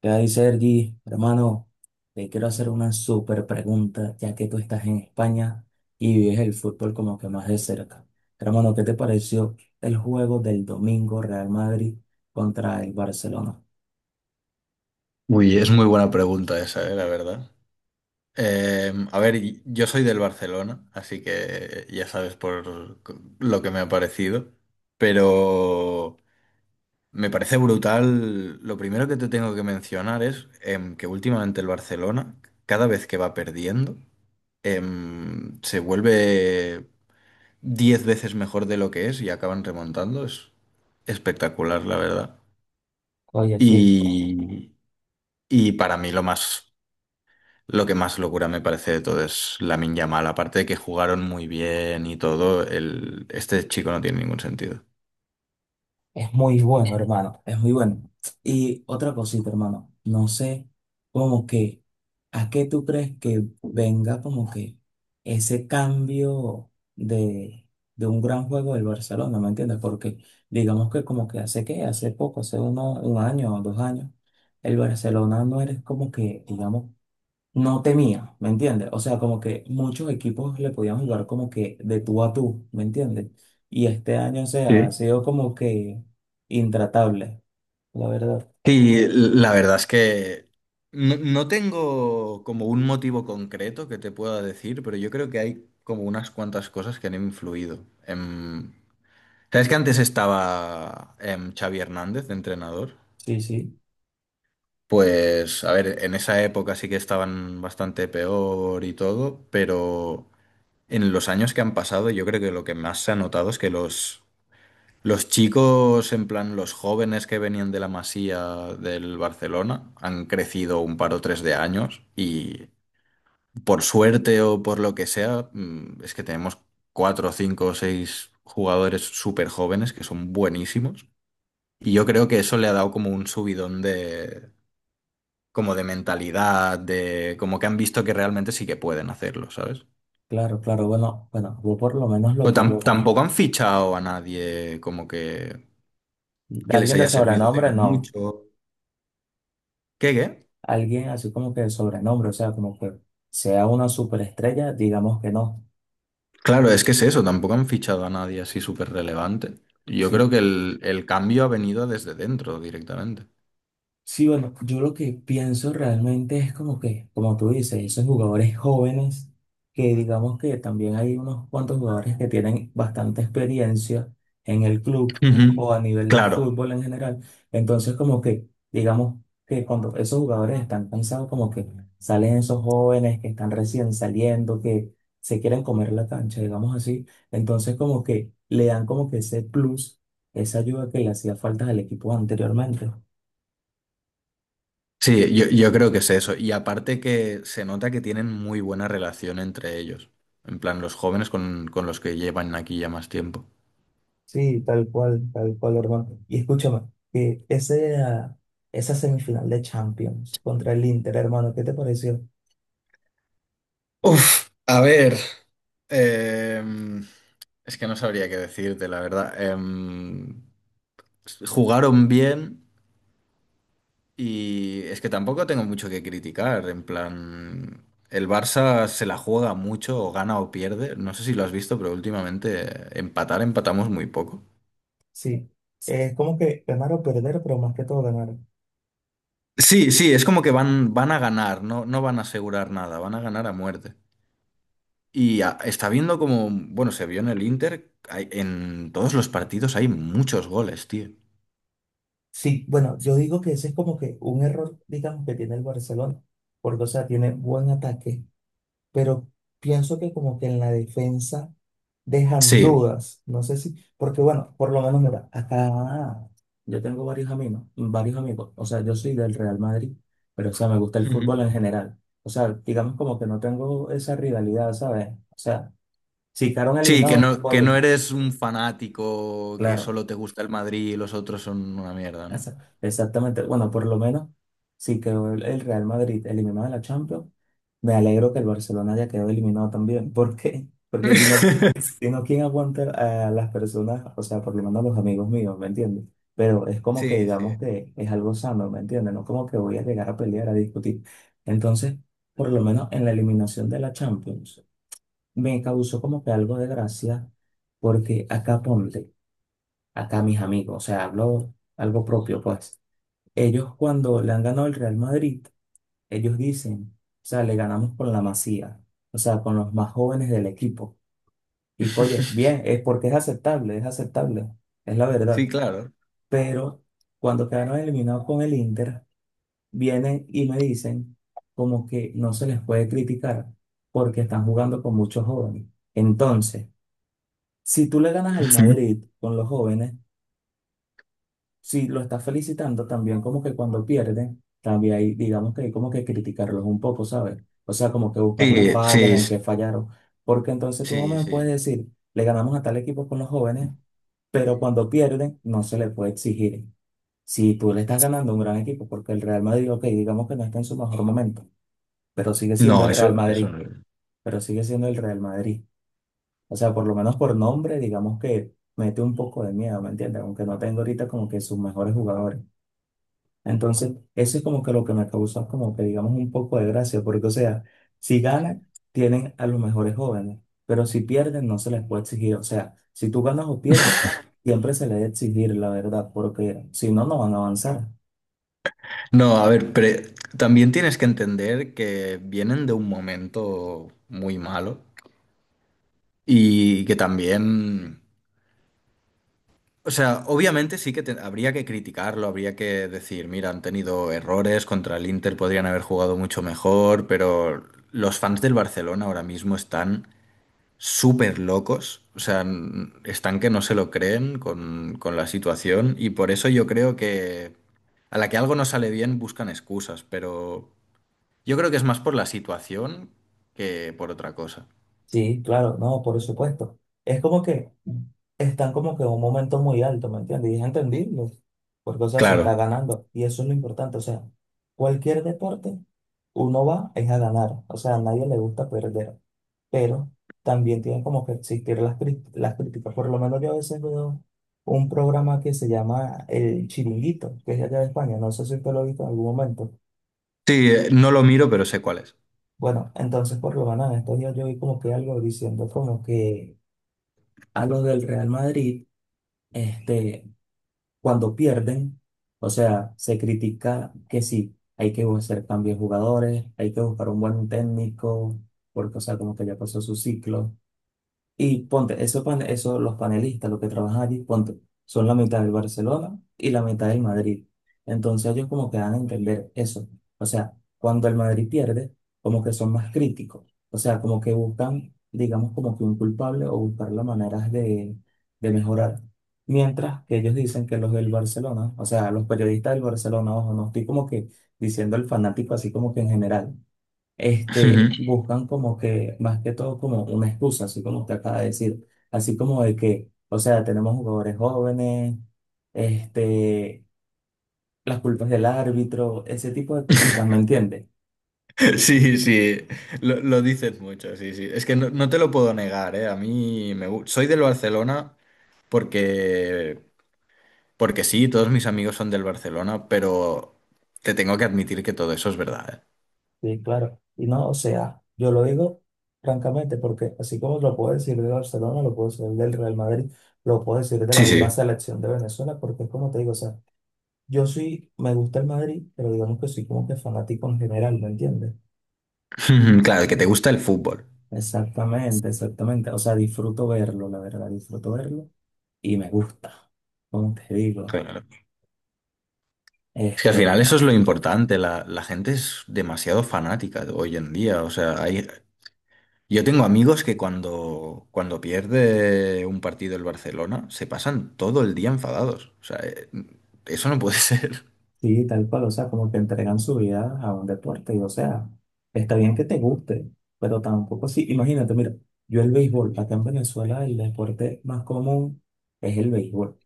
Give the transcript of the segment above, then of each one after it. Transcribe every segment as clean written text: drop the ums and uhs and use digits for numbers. ¿Qué hay, Sergi? Hermano, te quiero hacer una súper pregunta, ya que tú estás en España y vives el fútbol como que más de cerca. Hermano, ¿qué te pareció el juego del domingo Real Madrid contra el Barcelona? Uy, es muy buena pregunta esa, la verdad. A ver, yo soy del Barcelona, así que ya sabes por lo que me ha parecido, pero me parece brutal. Lo primero que te tengo que mencionar es que últimamente el Barcelona, cada vez que va perdiendo, se vuelve 10 veces mejor de lo que es y acaban remontando. Es espectacular, la verdad. Oye, sí. Y, y para mí, lo que más locura me parece de todo es Lamine Yamal. Aparte de que jugaron muy bien y todo, este chico no tiene ningún sentido. Es muy bueno, hermano, es muy bueno. Y otra cosita, hermano, no sé como que, ¿a qué tú crees que venga como que ese cambio de, de un gran juego del Barcelona? ¿Me entiendes? Porque digamos que como que, hace poco, hace uno, un año o 2 años, el Barcelona no eres como que, digamos, no temía, ¿me entiendes? O sea, como que muchos equipos le podían jugar como que de tú a tú, ¿me entiendes? Y este año, o sea, ha Sí. sido como que intratable, la verdad. Y la verdad es que no, no tengo como un motivo concreto que te pueda decir, pero yo creo que hay como unas cuantas cosas que han influido. ¿Sabes que antes estaba Xavi Hernández de entrenador? Sí, Pues, a ver, en esa época sí que estaban bastante peor y todo, pero en los años que han pasado, yo creo que lo que más se ha notado es que los chicos, en plan los jóvenes que venían de la Masía del Barcelona, han crecido un par o tres de años y por suerte o por lo que sea, es que tenemos cuatro, cinco o seis jugadores súper jóvenes que son buenísimos. Y yo creo que eso le ha dado como un subidón de, como de mentalidad, de como que han visto que realmente sí que pueden hacerlo, ¿sabes? claro, claro. Bueno, bueno, yo por lo menos lo Pero que yo. tampoco han fichado a nadie como que les Alguien de haya servido sobrenombre, de no. mucho. ¿Qué, qué? Alguien así como que de sobrenombre, o sea, como que sea una superestrella, digamos que no. Claro, es que es eso, tampoco han fichado a nadie así súper relevante. Yo creo Sí. que el cambio ha venido desde dentro directamente. Sí, bueno, yo lo que pienso realmente es como que, como tú dices, esos jugadores jóvenes, que digamos que también hay unos cuantos jugadores que tienen bastante experiencia en el club o Ujú. a nivel del Claro, fútbol en general. Entonces, como que, digamos que cuando esos jugadores están cansados, como que salen esos jóvenes que están recién saliendo, que se quieren comer la cancha, digamos así. Entonces, como que le dan como que ese plus, esa ayuda que le hacía falta al equipo anteriormente. sí, yo creo que es eso. Y aparte que se nota que tienen muy buena relación entre ellos. En plan, los jóvenes con los que llevan aquí ya más tiempo. Sí, tal cual, hermano. Y escúchame, que ese, ah, esa semifinal de Champions contra el Inter, hermano, ¿qué te pareció? Uf, a ver. em, es que no sabría qué decirte, la verdad. Jugaron bien y es que tampoco tengo mucho que criticar. En plan, el Barça se la juega mucho, o gana o pierde. No sé si lo has visto, pero últimamente empatar, empatamos muy poco. Sí, es como que ganar o perder, pero más que todo ganar. Sí, sí, es como que van a ganar, no, no van a asegurar nada, van a ganar a muerte. Y está viendo como, bueno, se vio en el Inter, en todos los partidos hay muchos goles, tío. Sí, bueno, yo digo que ese es como que un error, digamos, que tiene el Barcelona, porque, o sea, tiene buen ataque, pero pienso que como que en la defensa dejan Sí. dudas. No sé si, porque bueno, por lo menos mira, acá yo tengo varios amigos, varios amigos. O sea, yo soy del Real Madrid, pero o sea, me gusta el Ujú. fútbol en general. O sea, digamos como que no tengo esa rivalidad, ¿sabes? O sea, si quedaron Sí, que eliminados, no, que no oye, eres un fanático que claro. solo te gusta el Madrid y los otros son una mierda, ¿no? Esa- Exactamente. Bueno, por lo menos, si quedó el Real Madrid eliminado de la Champions, me alegro que el Barcelona haya quedado eliminado también. ¿Por qué? Porque si no, si no, ¿quién aguanta a las personas? O sea, por lo menos a los amigos míos, ¿me entiendes? Pero es como que Sí, sí. digamos que es algo sano, ¿me entiendes? No como que voy a llegar a pelear, a discutir. Entonces, por lo menos en la eliminación de la Champions, me causó como que algo de gracia, porque acá ponte, acá mis amigos, o sea, hablo algo propio, pues. Ellos cuando le han ganado el Real Madrid, ellos dicen, o sea, le ganamos con la Masía, o sea, con los más jóvenes del equipo. Y oye, bien, es porque es aceptable, es aceptable, es la Sí, verdad. claro. Pero cuando quedaron eliminados con el Inter, vienen y me dicen como que no se les puede criticar porque están jugando con muchos jóvenes. Entonces, si tú le ganas al Sí. Madrid con los jóvenes, si lo estás felicitando, también como que cuando pierden, también hay, digamos que hay como que criticarlos un poco, ¿sabes? O sea, como que buscar las Sí, fallas, sí, en qué fallaron. Porque entonces tú no sí, me sí. puedes decir, le ganamos a tal equipo con los jóvenes, pero cuando pierden, no se le puede exigir. Si tú le estás ganando a un gran equipo, porque el Real Madrid, ok, digamos que no está en su mejor momento, pero sigue siendo No, el Real eso Madrid, no. pero sigue siendo el Real Madrid. O sea, por lo menos por nombre, digamos que mete un poco de miedo, ¿me entiendes? Aunque no tengo ahorita como que sus mejores jugadores. Entonces, eso es como que lo que me causa como que digamos un poco de gracia, porque o sea, si ganan, tienen a los mejores jóvenes, pero si pierden, no se les puede exigir. O sea, si tú ganas o pierdes, siempre se les debe exigir, la verdad, porque si no, no van a avanzar. No, a ver, pero también tienes que entender que vienen de un momento muy malo y que también. O sea, obviamente sí que habría que criticarlo, habría que decir, mira, han tenido errores, contra el Inter podrían haber jugado mucho mejor, pero los fans del Barcelona ahora mismo están súper locos, o sea, están que no se lo creen con, la situación y por eso yo creo que a la que algo no sale bien buscan excusas, pero yo creo que es más por la situación que por otra cosa. Sí, claro, no, por supuesto. Es como que están como que en un momento muy alto, ¿me entiendes? Y es entendible, porque o sea, se está Claro, ganando y eso es lo importante. O sea, cualquier deporte, uno va es a ganar, o sea, a nadie le gusta perder. Pero también tienen como que existir las, cri- las críticas. Por lo menos yo a veces veo un programa que se llama El Chiringuito, que es de allá de España, no sé si usted lo ha visto en algún momento. sí, no lo miro, pero sé cuál es. Bueno, entonces por lo menos en estos días yo vi como que algo diciendo como que a los del Real Madrid, este, cuando pierden, o sea, se critica que sí, hay que hacer cambios de jugadores, hay que buscar un buen técnico, porque o sea, como que ya pasó su ciclo. Y ponte, esos pan esos- los panelistas, los que trabajan allí, ponte, son la mitad del Barcelona y la mitad del Madrid. Entonces ellos como que dan a entender eso. O sea, cuando el Madrid pierde, como que son más críticos. O sea, como que buscan, digamos, como que un culpable o buscar las maneras de mejorar. Mientras que ellos dicen que los del Barcelona, o sea, los periodistas del Barcelona, ojo, no estoy como que diciendo el fanático así como que en general este, buscan como que, más que todo, como una excusa, así como usted acaba de decir, así como de que, o sea, tenemos jugadores jóvenes, este, las culpas del árbitro, ese tipo de cositas, ¿me entiendes? Sí, sí, lo dices mucho, sí, sí. Es que no, no te lo puedo negar, ¿eh? A mí me gusta. Soy del Barcelona porque, porque sí, todos mis amigos son del Barcelona, pero te tengo que admitir que todo eso es verdad, ¿eh? Sí, claro. Y no, o sea, yo lo digo francamente porque así como lo puedo decir de Barcelona, lo puedo decir del Real Madrid, lo puedo decir de la Sí, misma sí. selección de Venezuela, porque es como te digo, o sea, yo sí me gusta el Madrid, pero digamos que soy como que fanático en general, ¿me entiendes? Claro, que te gusta el fútbol. Exactamente, exactamente. O sea, disfruto verlo, la verdad, disfruto verlo y me gusta, como te digo. Claro. Es que al final Este, eso es lo importante, la gente es demasiado fanática hoy en día, o sea, hay, yo tengo amigos que cuando pierde un partido el Barcelona se pasan todo el día enfadados. O sea, eso no puede ser. sí, tal cual, o sea, como que entregan su vida a un deporte y, o sea, está bien que te guste, pero tampoco sí. Imagínate, mira, yo el béisbol, acá en Venezuela el deporte más común es el béisbol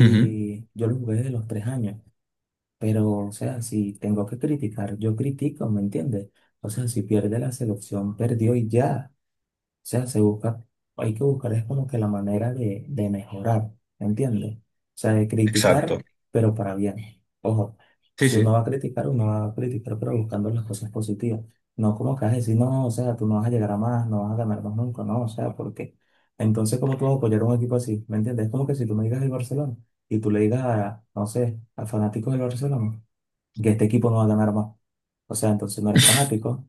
Ujú. yo lo jugué desde los 3 años, pero, o sea, si tengo que criticar, yo critico, ¿me entiendes? O sea, si pierde la selección, perdió y ya. O sea, se busca, hay que buscar es como que la manera de mejorar, ¿me ¿entiendes? O sea, de criticar, Exacto. pero para bien. Ojo, Sí, si uno va sí. a criticar, uno va a criticar, pero buscando las cosas positivas. No como que vas a decir, no, o sea, tú no vas a llegar a más, no vas a ganar más nunca, no, o sea, porque entonces, ¿cómo tú vas a apoyar a un equipo así? ¿Me entiendes? Es como que si tú me digas el Barcelona y tú le digas a, no sé, a fanáticos del Barcelona que este equipo no va a ganar más. O sea, entonces no eres fanático.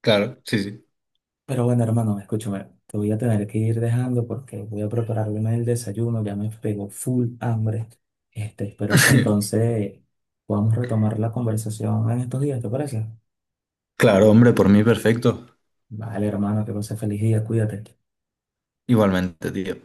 Claro, sí, sí. Pero bueno, hermano, escúchame, te voy a tener que ir dejando porque voy a prepararme el desayuno, ya me pegó full hambre. Este, espero que entonces podamos retomar la conversación en estos días, ¿te parece? Claro, hombre, por mí perfecto. Vale, hermano, que pase feliz día, cuídate. Igualmente, tío.